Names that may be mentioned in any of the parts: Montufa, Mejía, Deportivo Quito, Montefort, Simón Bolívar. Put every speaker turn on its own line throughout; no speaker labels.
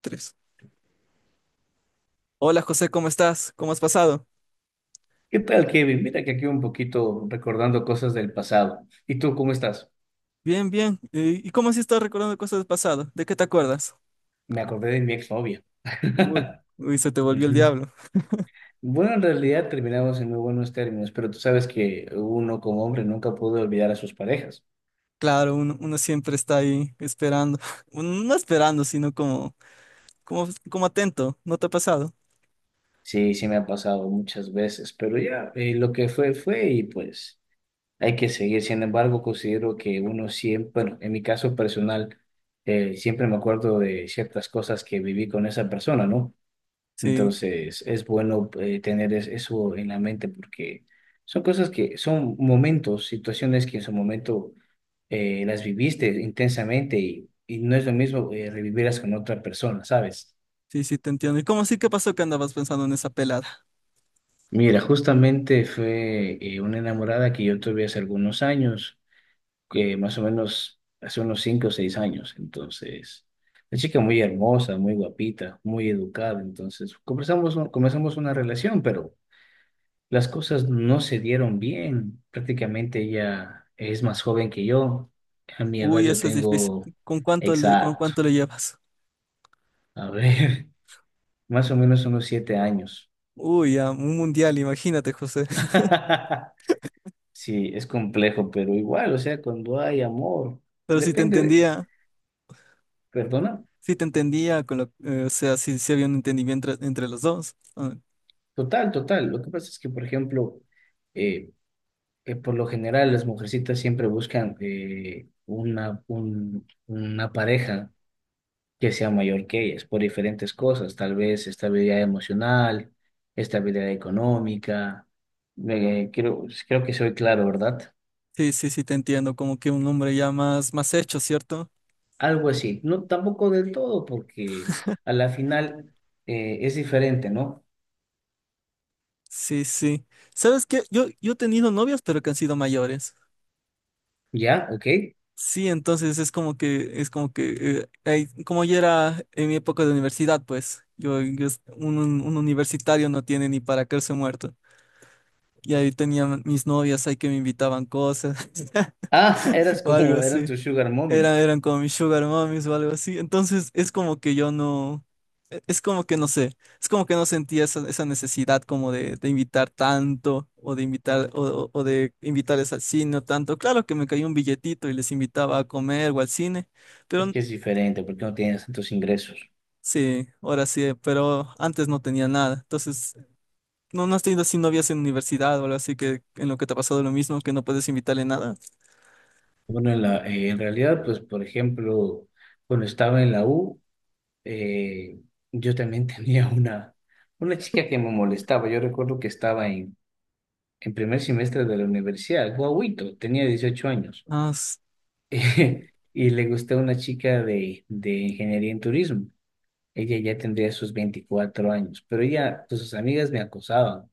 Tres. Hola José, ¿cómo estás? ¿Cómo has pasado?
¿Qué tal, Kevin? Mira que aquí un poquito recordando cosas del pasado. ¿Y tú cómo estás?
Bien, bien. ¿Y cómo así estás recordando cosas del pasado? ¿De qué te acuerdas?
Me acordé de mi exnovia.
Uy, uy, se te volvió el
Ujú.
diablo.
Bueno, en realidad terminamos en muy buenos términos, pero tú sabes que uno como hombre nunca puede olvidar a sus parejas.
Claro, uno siempre está ahí esperando. Uno no esperando, sino como, como atento. ¿No te ha pasado?
Sí, sí me ha pasado muchas veces, pero ya lo que fue fue y pues hay que seguir. Sin embargo, considero que uno siempre, bueno, en mi caso personal, siempre me acuerdo de ciertas cosas que viví con esa persona, ¿no?
Sí,
Entonces, es bueno tener eso en la mente porque son cosas que son momentos, situaciones que en su momento las viviste intensamente y no es lo mismo revivirlas con otra persona, ¿sabes?
sí, sí, te entiendo. ¿Y cómo sí que pasó que andabas pensando en esa pelada?
Mira, justamente fue una enamorada que yo tuve hace algunos años, que más o menos hace unos 5 o 6 años. Entonces, una chica muy hermosa, muy guapita, muy educada. Entonces, comenzamos una relación, pero... Las cosas no se dieron bien. Prácticamente ella es más joven que yo. A mi edad
Uy,
yo
eso es difícil.
tengo,
¿Con cuánto le, con
exacto,
cuánto le llevas?
a ver, más o menos unos 7 años.
Uy, a un mundial, imagínate, José.
Sí, es complejo, pero igual, o sea, cuando hay amor,
Pero si te
depende de,
entendía.
perdona,
Sí te entendía, o sea, sí, sí había un entendimiento entre los dos. Ah,
total, total. Lo que pasa es que, por ejemplo, eh, por lo general las mujercitas siempre buscan una, una pareja que sea mayor que ellas por diferentes cosas, tal vez estabilidad emocional, estabilidad económica. Me creo, pues, creo que soy claro, ¿verdad?
sí, sí, sí te entiendo, como que un hombre ya más hecho, ¿cierto?
Algo así. No, tampoco del todo, porque a la final es diferente, ¿no?
Sí, sí. ¿Sabes qué? Yo he tenido novias, pero que han sido mayores.
¿Ya? ¿Ok?
Sí, entonces es como que, como yo era en mi época de universidad, pues, yo, un, un universitario no tiene ni para caerse muerto. Y ahí tenía mis novias ahí que me invitaban cosas
Ah, eras
o algo
como, eran
así.
tu sugar mommy.
Eran como mis sugar mommies o algo así. Entonces es como que yo no, es como que no sé, es como que no sentía esa necesidad como de invitar tanto o de invitar o de invitarles al cine o tanto. Claro que me caía un billetito y les invitaba a comer o al cine, pero
Es
n-
que es diferente porque no tienes tantos ingresos.
sí, ahora sí, pero antes no tenía nada. Entonces, ¿no has tenido así novias en universidad o algo así que en lo que te ha pasado lo mismo, que no puedes invitarle nada?
Bueno, en realidad, pues, por ejemplo, cuando estaba en la U, eh, yo también tenía una chica que me molestaba. Yo recuerdo que estaba en primer semestre de la universidad, guauito, tenía 18 años.
Ah,
y le gustaba una chica de ingeniería en turismo. Ella ya tendría sus 24 años, pero ella, pues sus amigas me acosaban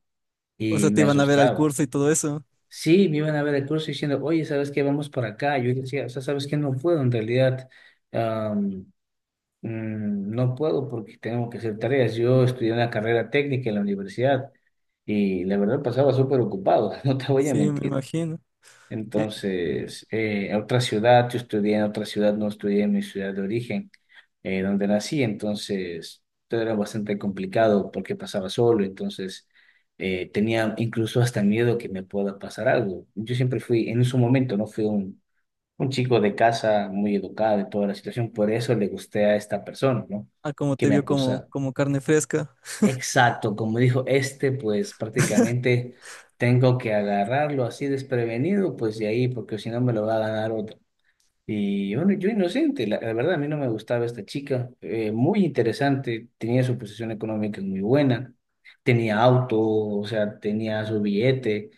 o sea,
y
te
me
iban a ver al
asustaban.
curso y todo eso.
Sí, me iban a ver el curso diciendo, oye, ¿sabes qué? Vamos para acá. Yo decía, o sea, ¿sabes qué? No puedo en realidad. No puedo porque tengo que hacer tareas. Yo estudié una carrera técnica en la universidad y la verdad pasaba súper ocupado, no te voy a
Sí, me
mentir.
imagino.
Entonces, en otra ciudad, yo estudié en otra ciudad, no estudié en mi ciudad de origen, donde nací. Entonces, todo era bastante complicado porque pasaba solo. Entonces, tenía incluso hasta miedo que me pueda pasar algo. Yo siempre fui, en su momento, no fui un chico de casa muy educado y toda la situación, por eso le gusté a esta persona, ¿no?
Ah, como
Que
te
me
vio como,
acusa.
como carne fresca.
Exacto, como dijo este, pues prácticamente tengo que agarrarlo así desprevenido, pues de ahí, porque si no me lo va a ganar otro. Y bueno, yo inocente, la verdad a mí no me gustaba esta chica, muy interesante, tenía su posición económica muy buena, tenía auto, o sea, tenía su billete,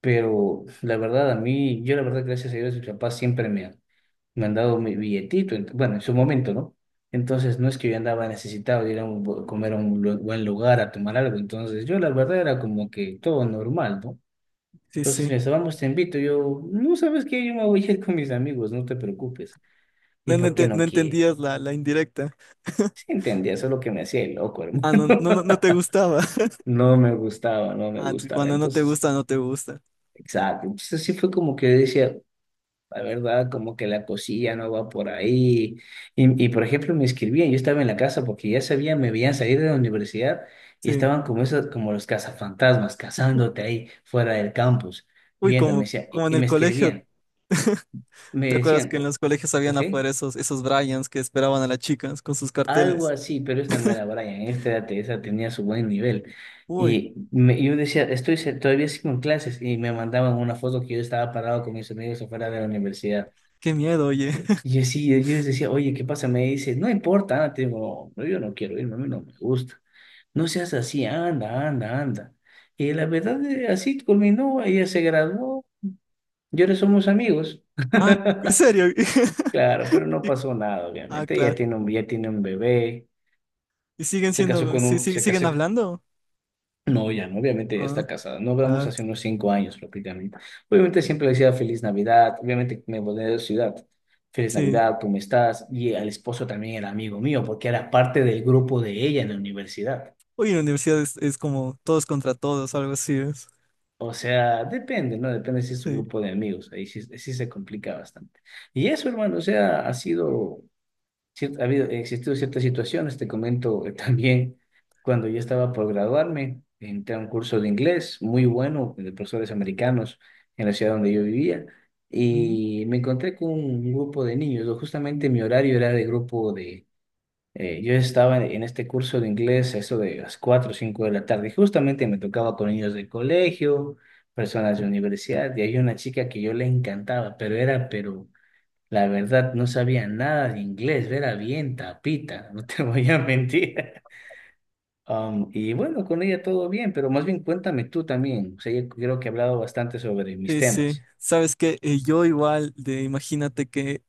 pero la verdad a mí, yo la verdad gracias a Dios, mis papás siempre me, me han dado mi billetito, bueno, en su momento, ¿no? Entonces no es que yo andaba necesitado de ir a un comer a un buen lugar, a tomar algo, entonces yo la verdad era como que todo normal, ¿no?
Sí,
Entonces
sí.
me decía, vamos, te invito, yo, no sabes qué, yo me voy a ir con mis amigos, no te preocupes. ¿Y
No, no,
por qué
no
no qué?
entendías la indirecta.
Sí, entendía, eso es lo que me hacía el loco, hermano.
Ah, no, no, no, no te gustaba.
No me gustaba, no me
Ah, tú,
gustaba.
cuando no te
Entonces,
gusta, no te gusta.
exacto. Entonces sí fue como que decía, la verdad, como que la cosilla no va por ahí. Y por ejemplo, me escribían, yo estaba en la casa porque ya sabían, me veían salir de la universidad y
Sí.
estaban como esos, como los cazafantasmas, cazándote ahí fuera del campus,
Uy,
viéndome,
como,
decía,
como
y,
en
y
el
me
colegio.
escribían, me
¿Te acuerdas
decían,
que en
"O-
los colegios habían
ok,
afuera esos Bryans que esperaban a las chicas con sus
algo
carteles?
así, pero esta no era Brian, esta era tenía su buen nivel.
Uy,
Y yo decía, estoy todavía sigo en clases y me mandaban una foto que yo estaba parado con mis amigos afuera de la universidad.
qué miedo, oye.
Y yo sí, yo les decía, oye, ¿qué pasa? Me dice, no importa, anda", te digo, "No, yo no quiero irme, a mí no me gusta. No seas así, anda, anda, anda. Y la verdad, así culminó, ella se graduó, y ahora somos amigos.
Ah, ¿en serio?
Claro, pero no pasó nada,
Ah,
obviamente. Ella
claro.
tiene un, ya tiene un bebé,
¿Y siguen
se casó
siendo,
con
sí,
un,
sí,
se
siguen
casó.
hablando?
No, ya no, obviamente ya
Ah,
está casada. No hablamos
claro,
hace unos 5 años prácticamente. Obviamente siempre le decía feliz Navidad, obviamente me volví de ciudad. Feliz
sí.
Navidad, ¿cómo estás? Y el esposo también era amigo mío porque era parte del grupo de ella en la universidad.
Uy, en la universidad es como todos contra todos, algo así es.
O sea, depende, ¿no? Depende si es su
Sí.
grupo de amigos. Ahí sí, sí se complica bastante. Y eso, hermano, o sea, ha sido ha habido, existido ciertas situaciones, te comento también, cuando yo estaba por graduarme, entré a un curso de inglés muy bueno de profesores americanos en la ciudad donde yo vivía
Mm.
y me encontré con un grupo de niños, o justamente mi horario era de grupo de, yo estaba en este curso de inglés a eso de las 4 o 5 de la tarde y justamente me tocaba con niños del colegio, personas de universidad y había una chica que yo le encantaba, pero era, pero... La verdad, no sabía nada de inglés, era bien tapita, no te voy a mentir. Y bueno, con ella todo bien, pero más bien cuéntame tú también. O sea, yo creo que he hablado bastante sobre mis
Sí, sí.
temas.
Sabes que yo igual, de imagínate que,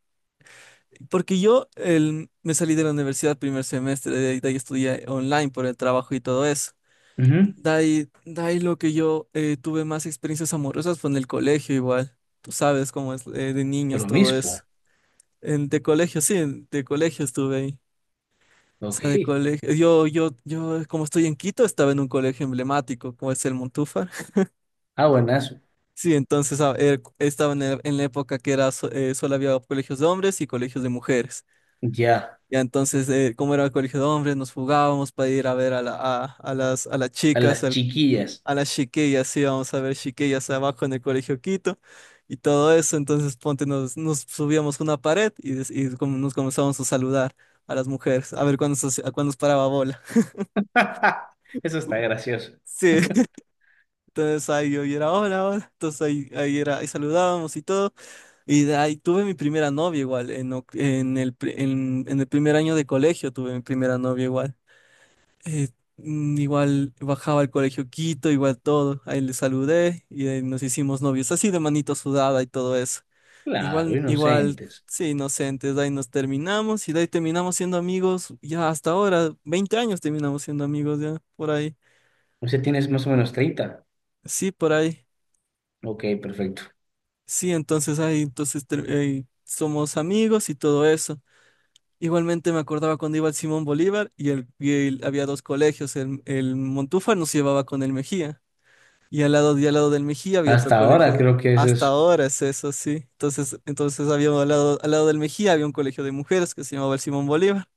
porque yo me salí de la universidad primer semestre, de ahí estudié online por el trabajo y todo eso.
Ujú,
De ahí lo que yo tuve más experiencias amorosas fue en el colegio igual. Tú sabes cómo es de niños todo eso.
promiscuo,
Sí, de colegio estuve ahí. O
ok.
sea, de colegio. Yo, como estoy en Quito, estaba en un colegio emblemático, como es el Montufa.
Ah, buenazo.
Sí, entonces estaba en, en la época que era solo había colegios de hombres y colegios de mujeres.
Ya,
Ya entonces, como era el colegio de hombres, nos fugábamos para ir a ver a las
a
chicas,
las chiquillas.
a las chiquillas, íbamos a ver chiquillas abajo en el colegio Quito y todo eso. Entonces, ponte, nos subíamos una pared y, y como nos comenzamos a saludar a las mujeres, a ver cuándo, cuándo nos paraba bola.
Eso está gracioso.
Sí, entonces ahí yo era hola, hola. Entonces ahí, ahí saludábamos y todo. Y de ahí tuve mi primera novia igual, en el primer año de colegio tuve mi primera novia igual. Eh, igual bajaba al colegio Quito, igual todo, ahí le saludé y ahí nos hicimos novios, así de manito sudada y todo eso.
Claro,
Igual, igual,
inocentes.
sí, inocentes, de ahí nos terminamos y de ahí terminamos siendo amigos, ya hasta ahora, 20 años terminamos siendo amigos ya, por ahí.
O sea, tienes más o menos treinta.
Sí, por ahí.
Ok, perfecto.
Sí, entonces ahí, entonces somos amigos y todo eso. Igualmente me acordaba cuando iba al Simón Bolívar y, había dos colegios, el Montúfar nos llevaba con el Mejía y al lado del Mejía había otro
Hasta ahora
colegio,
creo que es
hasta
eso.
ahora es eso, sí. Entonces, al lado del Mejía había un colegio de mujeres que se llamaba el Simón Bolívar.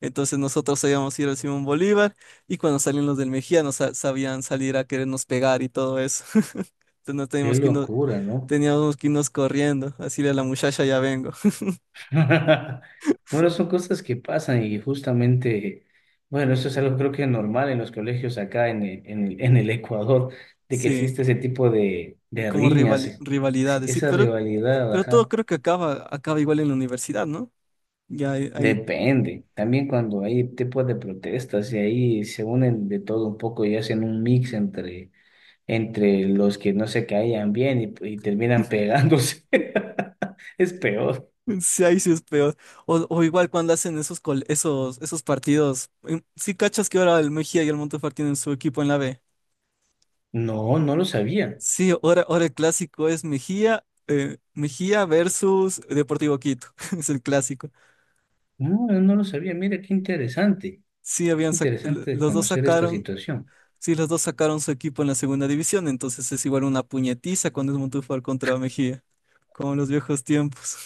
Entonces nosotros sabíamos ir al Simón Bolívar y cuando salían los del Mejía nos sabían salir a querernos pegar y todo eso. Entonces nos
Qué locura, ¿no?
teníamos que irnos corriendo, así a la muchacha ya vengo.
Bueno, son cosas que pasan y justamente, bueno, eso es algo creo que normal en los colegios acá en el Ecuador, de que
Sí,
existe ese tipo de
como
riñas, sí,
rivalidades. Sí,
esa
pero
rivalidad,
Pero
ajá,
todo creo que acaba igual en la universidad, ¿no? Ya
depende. También cuando hay tipos de protestas y ahí se unen de todo un poco y hacen un mix entre, entre los que no se caían bien y terminan pegándose. Es peor.
sí, ahí sí es peor. O igual cuando hacen esos, esos partidos. Sí, cachas que ahora el Mejía y el Montefort tienen su equipo en la B.
No, no lo sabía.
Sí, ahora el clásico es Mejía versus Deportivo Quito. Es el clásico.
No, yo no lo sabía. Mira, qué interesante.
Sí,
Qué
habían
interesante conocer esta situación.
sí, los dos sacaron su equipo en la segunda división, entonces es igual una puñetiza cuando es Montefort contra Mejía, como en los viejos tiempos.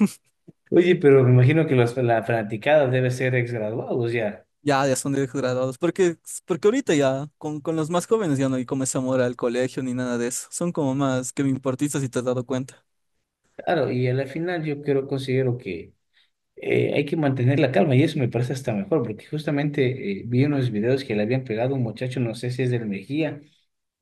Oye, pero me imagino que los, la fanaticada debe ser exgraduados ya.
Ya, ya son directos graduados. Porque, ahorita ya, con los más jóvenes ya no hay como ese amor al colegio ni nada de eso. Son como más que me importistas si te has dado cuenta.
Claro, y a la final yo creo, considero que hay que mantener la calma y eso me parece hasta mejor, porque justamente vi unos videos que le habían pegado a un muchacho, no sé si es del Mejía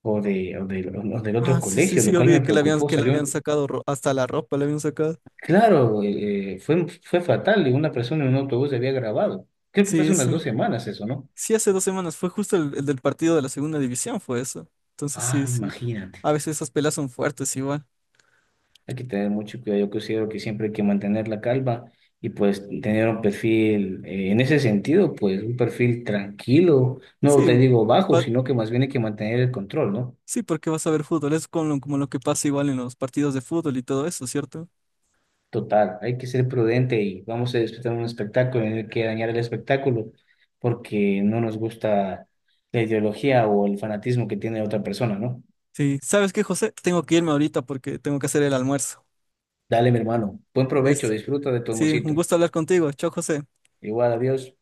o, de, o, del, o del otro
Ah, sí, sí,
colegio,
sí,
lo
yo
cual me
vi que le habían,
preocupó.
que le habían
Salió,
sacado hasta la ropa, le habían sacado.
claro, fue fatal y una persona en un autobús había grabado. Creo que fue hace
Sí,
unas
sí.
2 semanas eso, ¿no?
Sí, hace 2 semanas fue justo el del partido de la segunda división, fue eso. Entonces,
Ah,
sí, sí.
imagínate.
A veces esas peleas son fuertes igual.
Hay que tener mucho cuidado. Yo considero que siempre hay que mantener la calma y pues tener un perfil, en ese sentido, pues un perfil tranquilo. No
Sí,
te digo bajo,
va-
sino que más bien hay que mantener el control, ¿no?
sí, porque vas a ver fútbol. Es como lo que pasa igual en los partidos de fútbol y todo eso, ¿cierto?
Total, hay que ser prudente y vamos a disfrutar un espectáculo, no hay que dañar el espectáculo porque no nos gusta la ideología o el fanatismo que tiene otra persona, ¿no?
Sí. ¿Sabes qué, José? Tengo que irme ahorita porque tengo que hacer el almuerzo.
Dale, mi hermano. Buen provecho,
Listo.
disfruta de tu
Sí, un
amorcito.
gusto hablar contigo. Chao, José.
Igual, adiós.